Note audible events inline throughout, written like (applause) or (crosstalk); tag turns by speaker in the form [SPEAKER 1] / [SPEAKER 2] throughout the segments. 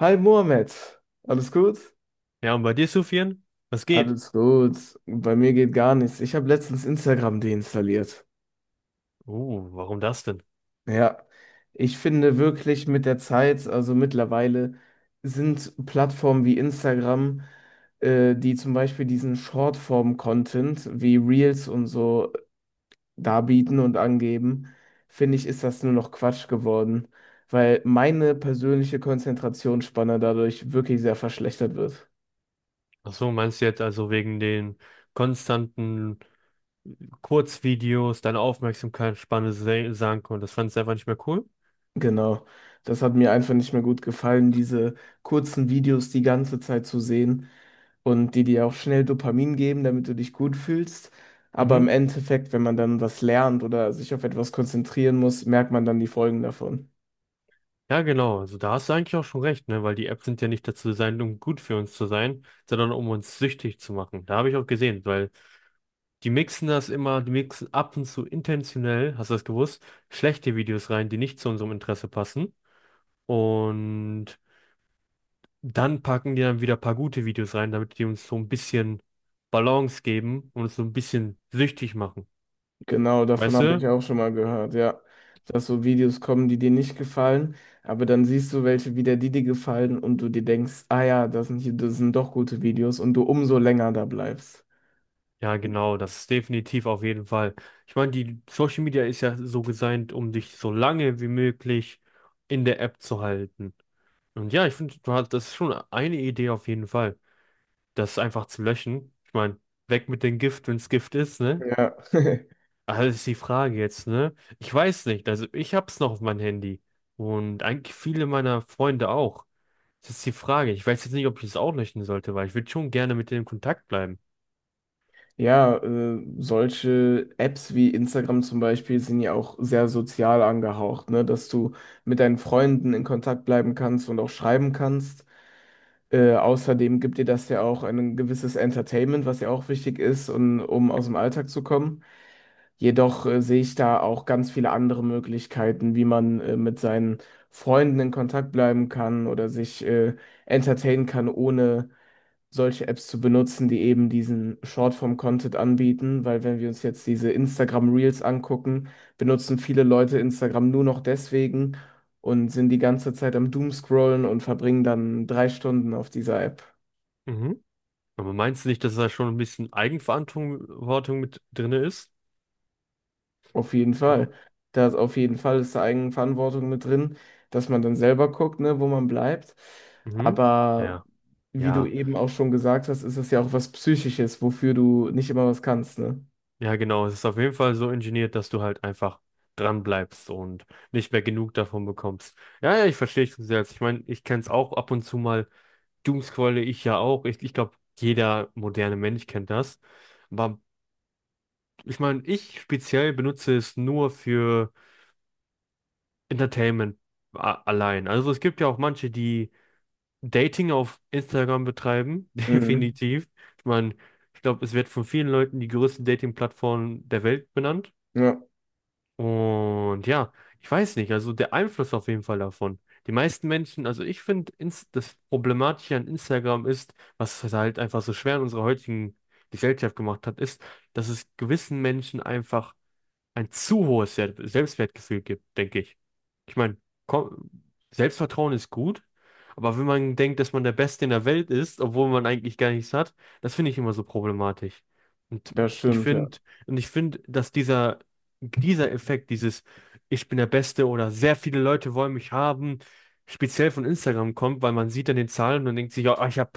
[SPEAKER 1] Hi Mohamed, alles gut?
[SPEAKER 2] Ja, und bei dir, Sufian? Was geht?
[SPEAKER 1] Alles gut. Bei mir geht gar nichts. Ich habe letztens Instagram deinstalliert.
[SPEAKER 2] Warum das denn?
[SPEAKER 1] Ja, ich finde wirklich mit der Zeit, also mittlerweile, sind Plattformen wie Instagram, die zum Beispiel diesen Shortform-Content wie Reels und so darbieten und angeben, finde ich, ist das nur noch Quatsch geworden, weil meine persönliche Konzentrationsspanne dadurch wirklich sehr verschlechtert wird.
[SPEAKER 2] Ach so, meinst du jetzt also wegen den konstanten Kurzvideos, deine Aufmerksamkeitsspanne sank und das fandest du einfach nicht mehr cool?
[SPEAKER 1] Genau, das hat mir einfach nicht mehr gut gefallen, diese kurzen Videos die ganze Zeit zu sehen und die dir auch schnell Dopamin geben, damit du dich gut fühlst. Aber im
[SPEAKER 2] Mhm.
[SPEAKER 1] Endeffekt, wenn man dann was lernt oder sich auf etwas konzentrieren muss, merkt man dann die Folgen davon.
[SPEAKER 2] Ja, genau. Also da hast du eigentlich auch schon recht, ne? Weil die Apps sind ja nicht dazu designt, um gut für uns zu sein, sondern um uns süchtig zu machen. Da habe ich auch gesehen, weil die mixen ab und zu intentionell, hast du das gewusst, schlechte Videos rein, die nicht zu unserem Interesse passen. Und dann packen die dann wieder ein paar gute Videos rein, damit die uns so ein bisschen Balance geben und uns so ein bisschen süchtig machen.
[SPEAKER 1] Genau, davon
[SPEAKER 2] Weißt
[SPEAKER 1] habe
[SPEAKER 2] du?
[SPEAKER 1] ich auch schon mal gehört, ja. Dass so Videos kommen, die dir nicht gefallen, aber dann siehst du welche wieder, die dir gefallen und du dir denkst, ah ja, das sind doch gute Videos und du umso länger da bleibst.
[SPEAKER 2] Ja, genau, das ist definitiv auf jeden Fall. Ich meine, die Social Media ist ja so designt, um dich so lange wie möglich in der App zu halten. Und ja, ich finde, das ist schon eine Idee auf jeden Fall, das einfach zu löschen. Ich meine, weg mit dem Gift, wenn es Gift ist, ne?
[SPEAKER 1] Ja, (laughs)
[SPEAKER 2] Also das ist die Frage jetzt, ne? Ich weiß nicht, also ich hab's noch auf meinem Handy und eigentlich viele meiner Freunde auch. Das ist die Frage. Ich weiß jetzt nicht, ob ich es auch löschen sollte, weil ich würde schon gerne mit denen in Kontakt bleiben.
[SPEAKER 1] ja, solche Apps wie Instagram zum Beispiel sind ja auch sehr sozial angehaucht, ne? Dass du mit deinen Freunden in Kontakt bleiben kannst und auch schreiben kannst. Außerdem gibt dir das ja auch ein gewisses Entertainment, was ja auch wichtig ist, und, um aus dem Alltag zu kommen. Jedoch sehe ich da auch ganz viele andere Möglichkeiten, wie man mit seinen Freunden in Kontakt bleiben kann oder sich entertainen kann, ohne solche Apps zu benutzen, die eben diesen Shortform-Content anbieten. Weil wenn wir uns jetzt diese Instagram Reels angucken, benutzen viele Leute Instagram nur noch deswegen und sind die ganze Zeit am Doomscrollen und verbringen dann 3 Stunden auf dieser App.
[SPEAKER 2] Mhm. Aber meinst du nicht, dass da schon ein bisschen Eigenverantwortung Verantwortung mit drin ist?
[SPEAKER 1] Auf jeden Fall. Da ist auf jeden Fall ist da Eigenverantwortung mit drin, dass man dann selber guckt, ne, wo man bleibt.
[SPEAKER 2] Mhm.
[SPEAKER 1] Aber
[SPEAKER 2] Ja,
[SPEAKER 1] wie du
[SPEAKER 2] ja.
[SPEAKER 1] eben auch schon gesagt hast, ist es ja auch was Psychisches, wofür du nicht immer was kannst, ne?
[SPEAKER 2] Ja, genau. Es ist auf jeden Fall so ingeniert, dass du halt einfach dran bleibst und nicht mehr genug davon bekommst. Ja, ja, ich verstehe dich selbst. Ich meine, ich kenne es auch ab und zu mal. Doomscrolle ich ja auch. Ich glaube, jeder moderne Mensch kennt das. Aber ich meine, ich speziell benutze es nur für Entertainment allein. Also es gibt ja auch manche, die Dating auf Instagram betreiben, (laughs)
[SPEAKER 1] Mhm.
[SPEAKER 2] definitiv. Ich meine, ich glaube, es wird von vielen Leuten die größte Dating-Plattform der Welt benannt.
[SPEAKER 1] Ja,
[SPEAKER 2] Und ja, ich weiß nicht, also der Einfluss auf jeden Fall davon. Die meisten Menschen, also ich finde, das Problematische an Instagram ist, was es halt einfach so schwer in unserer heutigen Gesellschaft gemacht hat, ist, dass es gewissen Menschen einfach ein zu hohes Selbstwertgefühl gibt, denke ich. Ich meine, komm, Selbstvertrauen ist gut, aber wenn man denkt, dass man der Beste in der Welt ist, obwohl man eigentlich gar nichts hat, das finde ich immer so problematisch. Und ich
[SPEAKER 1] ja.
[SPEAKER 2] finde, und ich finde, dass dieser Effekt, dieses Ich bin der Beste oder sehr viele Leute wollen mich haben, speziell von Instagram kommt, weil man sieht dann den Zahlen und denkt sich, ja, ich habe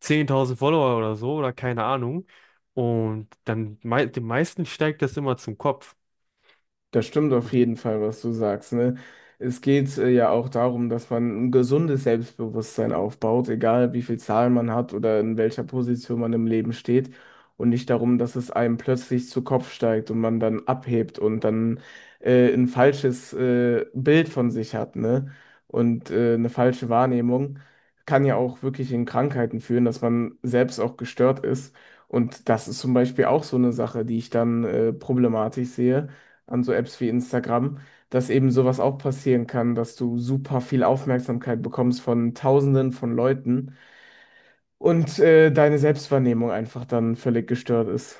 [SPEAKER 2] 10.000 Follower oder so oder keine Ahnung. Und dann mei den meisten steigt das immer zum Kopf.
[SPEAKER 1] Das stimmt auf jeden Fall, was du sagst, ne? Es geht ja auch darum, dass man ein gesundes Selbstbewusstsein aufbaut, egal wie viel Zahlen man hat oder in welcher Position man im Leben steht. Und nicht darum, dass es einem plötzlich zu Kopf steigt und man dann abhebt und dann ein falsches Bild von sich hat, ne? Und eine falsche Wahrnehmung kann ja auch wirklich in Krankheiten führen, dass man selbst auch gestört ist. Und das ist zum Beispiel auch so eine Sache, die ich dann problematisch sehe an so Apps wie Instagram, dass eben sowas auch passieren kann, dass du super viel Aufmerksamkeit bekommst von Tausenden von Leuten und deine Selbstwahrnehmung einfach dann völlig gestört ist.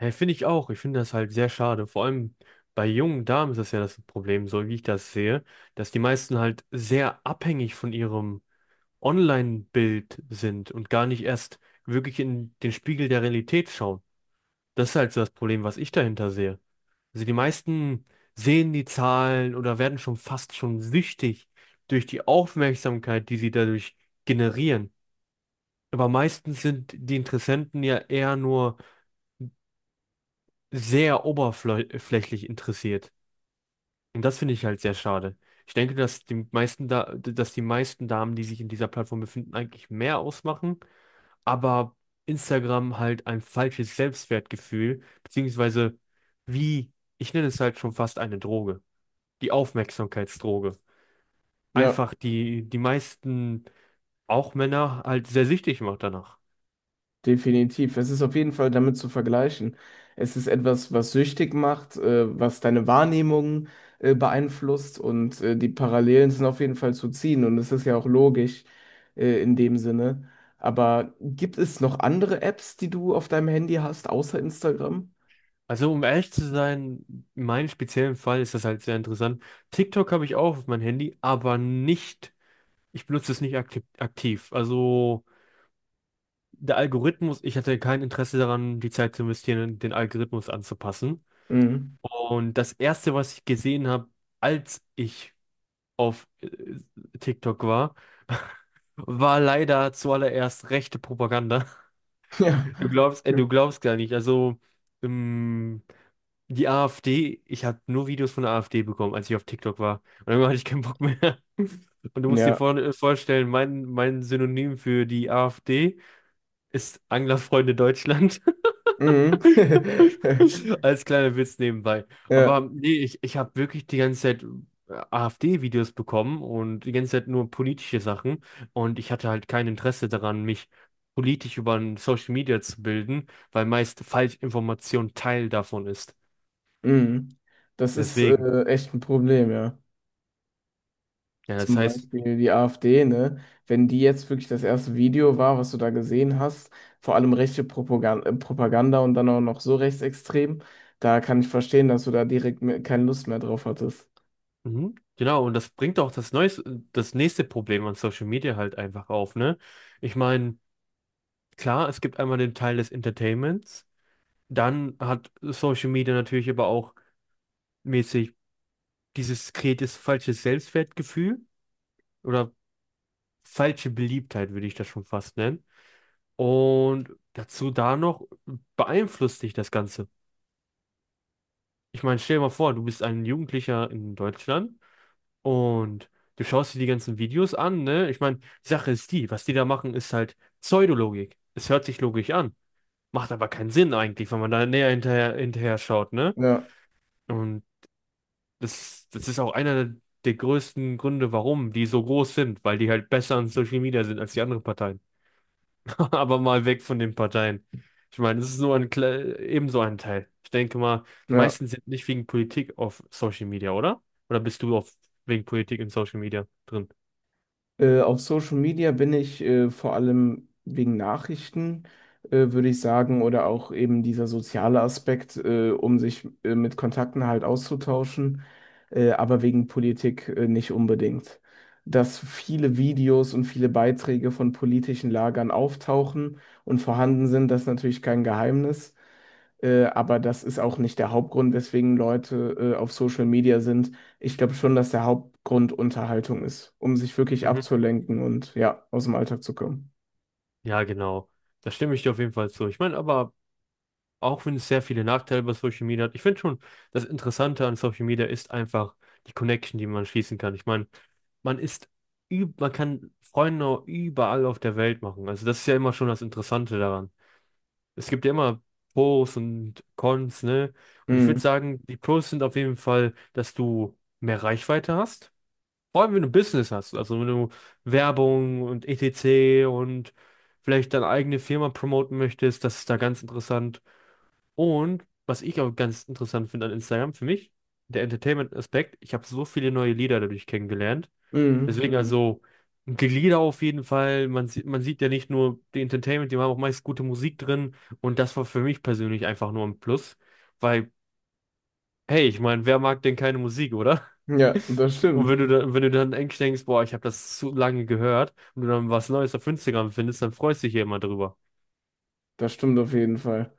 [SPEAKER 2] Ja, finde ich auch. Ich finde das halt sehr schade. Vor allem bei jungen Damen ist das ja das Problem, so wie ich das sehe, dass die meisten halt sehr abhängig von ihrem Online-Bild sind und gar nicht erst wirklich in den Spiegel der Realität schauen. Das ist halt so das Problem, was ich dahinter sehe. Also die meisten sehen die Zahlen oder werden schon fast schon süchtig durch die Aufmerksamkeit, die sie dadurch generieren. Aber meistens sind die Interessenten ja eher nur sehr oberflächlich interessiert. Und das finde ich halt sehr schade. Ich denke, dass die meisten Damen, die sich in dieser Plattform befinden, eigentlich mehr ausmachen, aber Instagram halt ein falsches Selbstwertgefühl, beziehungsweise wie, ich nenne es halt schon fast eine Droge, die Aufmerksamkeitsdroge.
[SPEAKER 1] Ja,
[SPEAKER 2] Einfach die meisten, auch Männer, halt sehr süchtig macht danach.
[SPEAKER 1] definitiv. Es ist auf jeden Fall damit zu vergleichen. Es ist etwas, was süchtig macht, was deine Wahrnehmung beeinflusst und die Parallelen sind auf jeden Fall zu ziehen und es ist ja auch logisch in dem Sinne. Aber gibt es noch andere Apps, die du auf deinem Handy hast, außer Instagram?
[SPEAKER 2] Also um ehrlich zu sein, in meinem speziellen Fall ist das halt sehr interessant. TikTok habe ich auch auf mein Handy, aber nicht, ich benutze es nicht aktiv. Also der Algorithmus, ich hatte kein Interesse daran, die Zeit zu investieren, den Algorithmus anzupassen.
[SPEAKER 1] Mhm.
[SPEAKER 2] Und das Erste, was ich gesehen habe, als ich auf TikTok war, war leider zuallererst rechte Propaganda. (laughs)
[SPEAKER 1] (laughs) Ja.
[SPEAKER 2] Du glaubst gar nicht. Also ähm, die AfD, ich habe nur Videos von der AfD bekommen, als ich auf TikTok war. Und irgendwann hatte ich keinen Bock mehr. (laughs) Und du musst dir
[SPEAKER 1] Ja.
[SPEAKER 2] vorstellen, mein Synonym für die AfD ist Anglerfreunde Deutschland.
[SPEAKER 1] Mhm.
[SPEAKER 2] (laughs)
[SPEAKER 1] (laughs)
[SPEAKER 2] Als kleiner Witz nebenbei.
[SPEAKER 1] Ja.
[SPEAKER 2] Aber nee, ich habe wirklich die ganze Zeit AfD-Videos bekommen und die ganze Zeit nur politische Sachen. Und ich hatte halt kein Interesse daran, mich politisch über ein Social Media zu bilden, weil meist Falschinformation Teil davon ist.
[SPEAKER 1] Mhm. Das ist
[SPEAKER 2] Deswegen,
[SPEAKER 1] echt ein Problem, ja.
[SPEAKER 2] ja, das
[SPEAKER 1] Zum
[SPEAKER 2] heißt.
[SPEAKER 1] Beispiel die AfD, ne? Wenn die jetzt wirklich das erste Video war, was du da gesehen hast, vor allem rechte Propaganda, Propaganda und dann auch noch so rechtsextrem, da kann ich verstehen, dass du da keine Lust mehr drauf hattest.
[SPEAKER 2] Mhm. Genau, und das bringt auch das nächste Problem an Social Media halt einfach auf, ne? Ich meine, klar, es gibt einmal den Teil des Entertainments, dann hat Social Media natürlich aber auch mäßig dieses kreiertes falsche Selbstwertgefühl oder falsche Beliebtheit, würde ich das schon fast nennen. Und dazu da noch beeinflusst dich das Ganze. Ich meine, stell dir mal vor, du bist ein Jugendlicher in Deutschland. Und du schaust dir die ganzen Videos an, ne? Ich meine, die Sache ist die, was die da machen, ist halt Pseudologik. Es hört sich logisch an, macht aber keinen Sinn eigentlich, wenn man da näher hinterher schaut, ne?
[SPEAKER 1] Ja,
[SPEAKER 2] Und das ist auch einer der größten Gründe, warum die so groß sind, weil die halt besser an Social Media sind als die anderen Parteien. (laughs) Aber mal weg von den Parteien. Ich meine, das ist nur ebenso ein Teil. Ich denke mal, die
[SPEAKER 1] ja.
[SPEAKER 2] meisten sind nicht wegen Politik auf Social Media, oder? Oder wegen Politik in Social Media drin?
[SPEAKER 1] Auf Social Media bin ich vor allem wegen Nachrichten, würde ich sagen, oder auch eben dieser soziale Aspekt, um sich mit Kontakten halt auszutauschen, aber wegen Politik nicht unbedingt. Dass viele Videos und viele Beiträge von politischen Lagern auftauchen und vorhanden sind, das ist natürlich kein Geheimnis. Aber das ist auch nicht der Hauptgrund, weswegen Leute auf Social Media sind. Ich glaube schon, dass der Hauptgrund Unterhaltung ist, um sich wirklich
[SPEAKER 2] Mhm.
[SPEAKER 1] abzulenken und ja, aus dem Alltag zu kommen.
[SPEAKER 2] Ja, genau. Da stimme ich dir auf jeden Fall zu. Ich meine, aber auch wenn es sehr viele Nachteile bei Social Media hat, ich finde schon, das Interessante an Social Media ist einfach die Connection, die man schließen kann. Ich meine, man ist, man kann Freunde überall auf der Welt machen. Also das ist ja immer schon das Interessante daran. Es gibt ja immer Pros und Cons, ne? Und ich würde
[SPEAKER 1] Mhm.
[SPEAKER 2] sagen, die Pros sind auf jeden Fall, dass du mehr Reichweite hast. Vor allem, wenn du Business hast, also wenn du Werbung und etc. und vielleicht deine eigene Firma promoten möchtest, das ist da ganz interessant. Und was ich auch ganz interessant finde an Instagram, für mich, der Entertainment-Aspekt, ich habe so viele neue Lieder dadurch kennengelernt. Deswegen
[SPEAKER 1] Mhm.
[SPEAKER 2] also die Lieder auf jeden Fall, man sieht ja nicht nur die Entertainment, die haben auch meist gute Musik drin und das war für mich persönlich einfach nur ein Plus, weil, hey, ich meine, wer mag denn keine Musik, oder?
[SPEAKER 1] Mhm. Ja, das
[SPEAKER 2] Und
[SPEAKER 1] stimmt.
[SPEAKER 2] wenn du dann, wenn du dann eigentlich denkst, boah, ich habe das zu lange gehört und du dann was Neues auf Instagram findest, dann freust du dich ja immer drüber.
[SPEAKER 1] Das stimmt auf jeden Fall.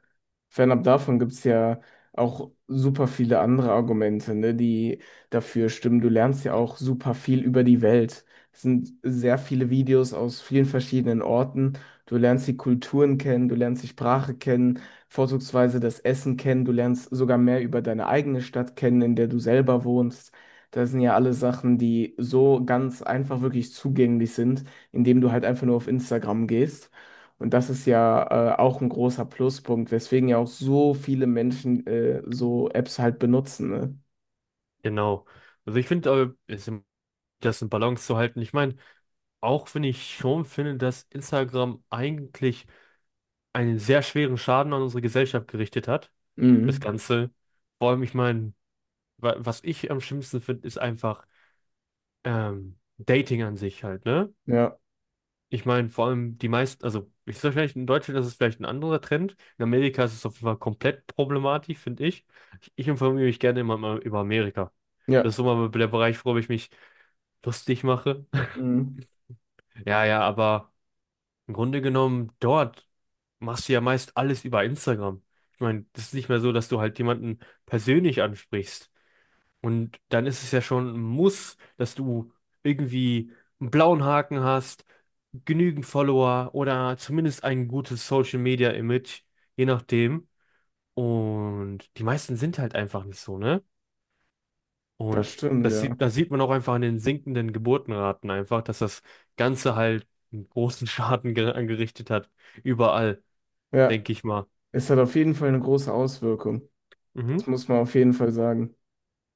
[SPEAKER 1] Fernab davon gibt es ja auch super viele andere Argumente, ne, die dafür stimmen. Du lernst ja auch super viel über die Welt. Es sind sehr viele Videos aus vielen verschiedenen Orten. Du lernst die Kulturen kennen, du lernst die Sprache kennen, vorzugsweise das Essen kennen. Du lernst sogar mehr über deine eigene Stadt kennen, in der du selber wohnst. Das sind ja alle Sachen, die so ganz einfach wirklich zugänglich sind, indem du halt einfach nur auf Instagram gehst. Und das ist ja auch ein großer Pluspunkt, weswegen ja auch so viele Menschen so Apps halt benutzen, ne?
[SPEAKER 2] Genau. Also ich finde, das in Balance zu halten. Ich meine, auch wenn ich schon finde, dass Instagram eigentlich einen sehr schweren Schaden an unsere Gesellschaft gerichtet hat, das
[SPEAKER 1] Mhm.
[SPEAKER 2] Ganze. Vor allem, ich meine, was ich am schlimmsten finde, ist einfach Dating an sich halt, ne?
[SPEAKER 1] Ja,
[SPEAKER 2] Ich meine, vor allem die meisten, also ich sage vielleicht, in Deutschland ist es vielleicht ein anderer Trend. In Amerika ist es auf jeden Fall komplett problematisch, finde ich. Ich. Ich informiere mich gerne immer mal über Amerika.
[SPEAKER 1] ja,
[SPEAKER 2] Das ist immer der Bereich, worüber ich mich lustig mache. (laughs)
[SPEAKER 1] mhm.
[SPEAKER 2] Ja, ja, aber im Grunde genommen, dort machst du ja meist alles über Instagram. Ich meine, das ist nicht mehr so, dass du halt jemanden persönlich ansprichst. Und dann ist es ja schon ein Muss, dass du irgendwie einen blauen Haken hast, genügend Follower oder zumindest ein gutes Social Media Image, je nachdem. Und die meisten sind halt einfach nicht so, ne?
[SPEAKER 1] Das
[SPEAKER 2] Und
[SPEAKER 1] stimmt, ja.
[SPEAKER 2] das sieht man auch einfach an den sinkenden Geburtenraten einfach, dass das Ganze halt einen großen (laughs) Schaden angerichtet hat. Überall,
[SPEAKER 1] Ja,
[SPEAKER 2] denke ich mal.
[SPEAKER 1] es hat auf jeden Fall eine große Auswirkung. Das
[SPEAKER 2] Mhm.
[SPEAKER 1] muss man auf jeden Fall sagen.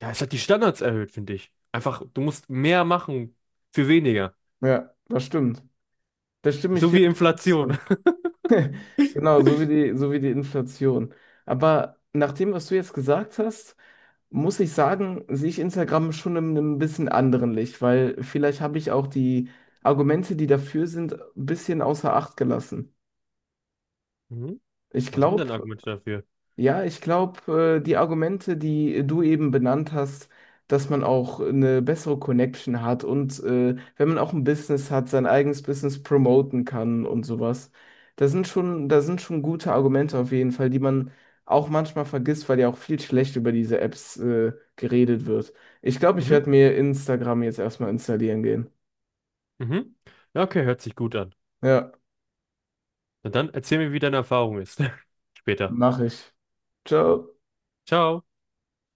[SPEAKER 2] Ja, es hat die Standards erhöht, finde ich. Einfach, du musst mehr machen für weniger.
[SPEAKER 1] Ja, das stimmt. Da stimme ich
[SPEAKER 2] So
[SPEAKER 1] dir
[SPEAKER 2] wie
[SPEAKER 1] auf jeden Fall
[SPEAKER 2] Inflation.
[SPEAKER 1] zu. Genau, so wie die Inflation. Aber nach dem, was du jetzt gesagt hast, muss ich sagen, sehe ich Instagram schon in einem bisschen anderen Licht, weil vielleicht habe ich auch die Argumente, die dafür sind, ein bisschen außer Acht gelassen.
[SPEAKER 2] (laughs)
[SPEAKER 1] Ich
[SPEAKER 2] Was sind denn
[SPEAKER 1] glaube,
[SPEAKER 2] Argumente dafür?
[SPEAKER 1] ja, ich glaube, die Argumente, die du eben benannt hast, dass man auch eine bessere Connection hat und wenn man auch ein Business hat, sein eigenes Business promoten kann und sowas. Da sind schon gute Argumente auf jeden Fall, die man auch manchmal vergisst, weil ja auch viel schlecht über diese Apps geredet wird. Ich glaube, ich
[SPEAKER 2] Mhm,
[SPEAKER 1] werde mir Instagram jetzt erstmal installieren gehen.
[SPEAKER 2] mhm. Ja, okay, hört sich gut an.
[SPEAKER 1] Ja,
[SPEAKER 2] Na dann erzähl mir, wie deine Erfahrung ist. (laughs) Später.
[SPEAKER 1] mache ich. Ciao.
[SPEAKER 2] Ciao.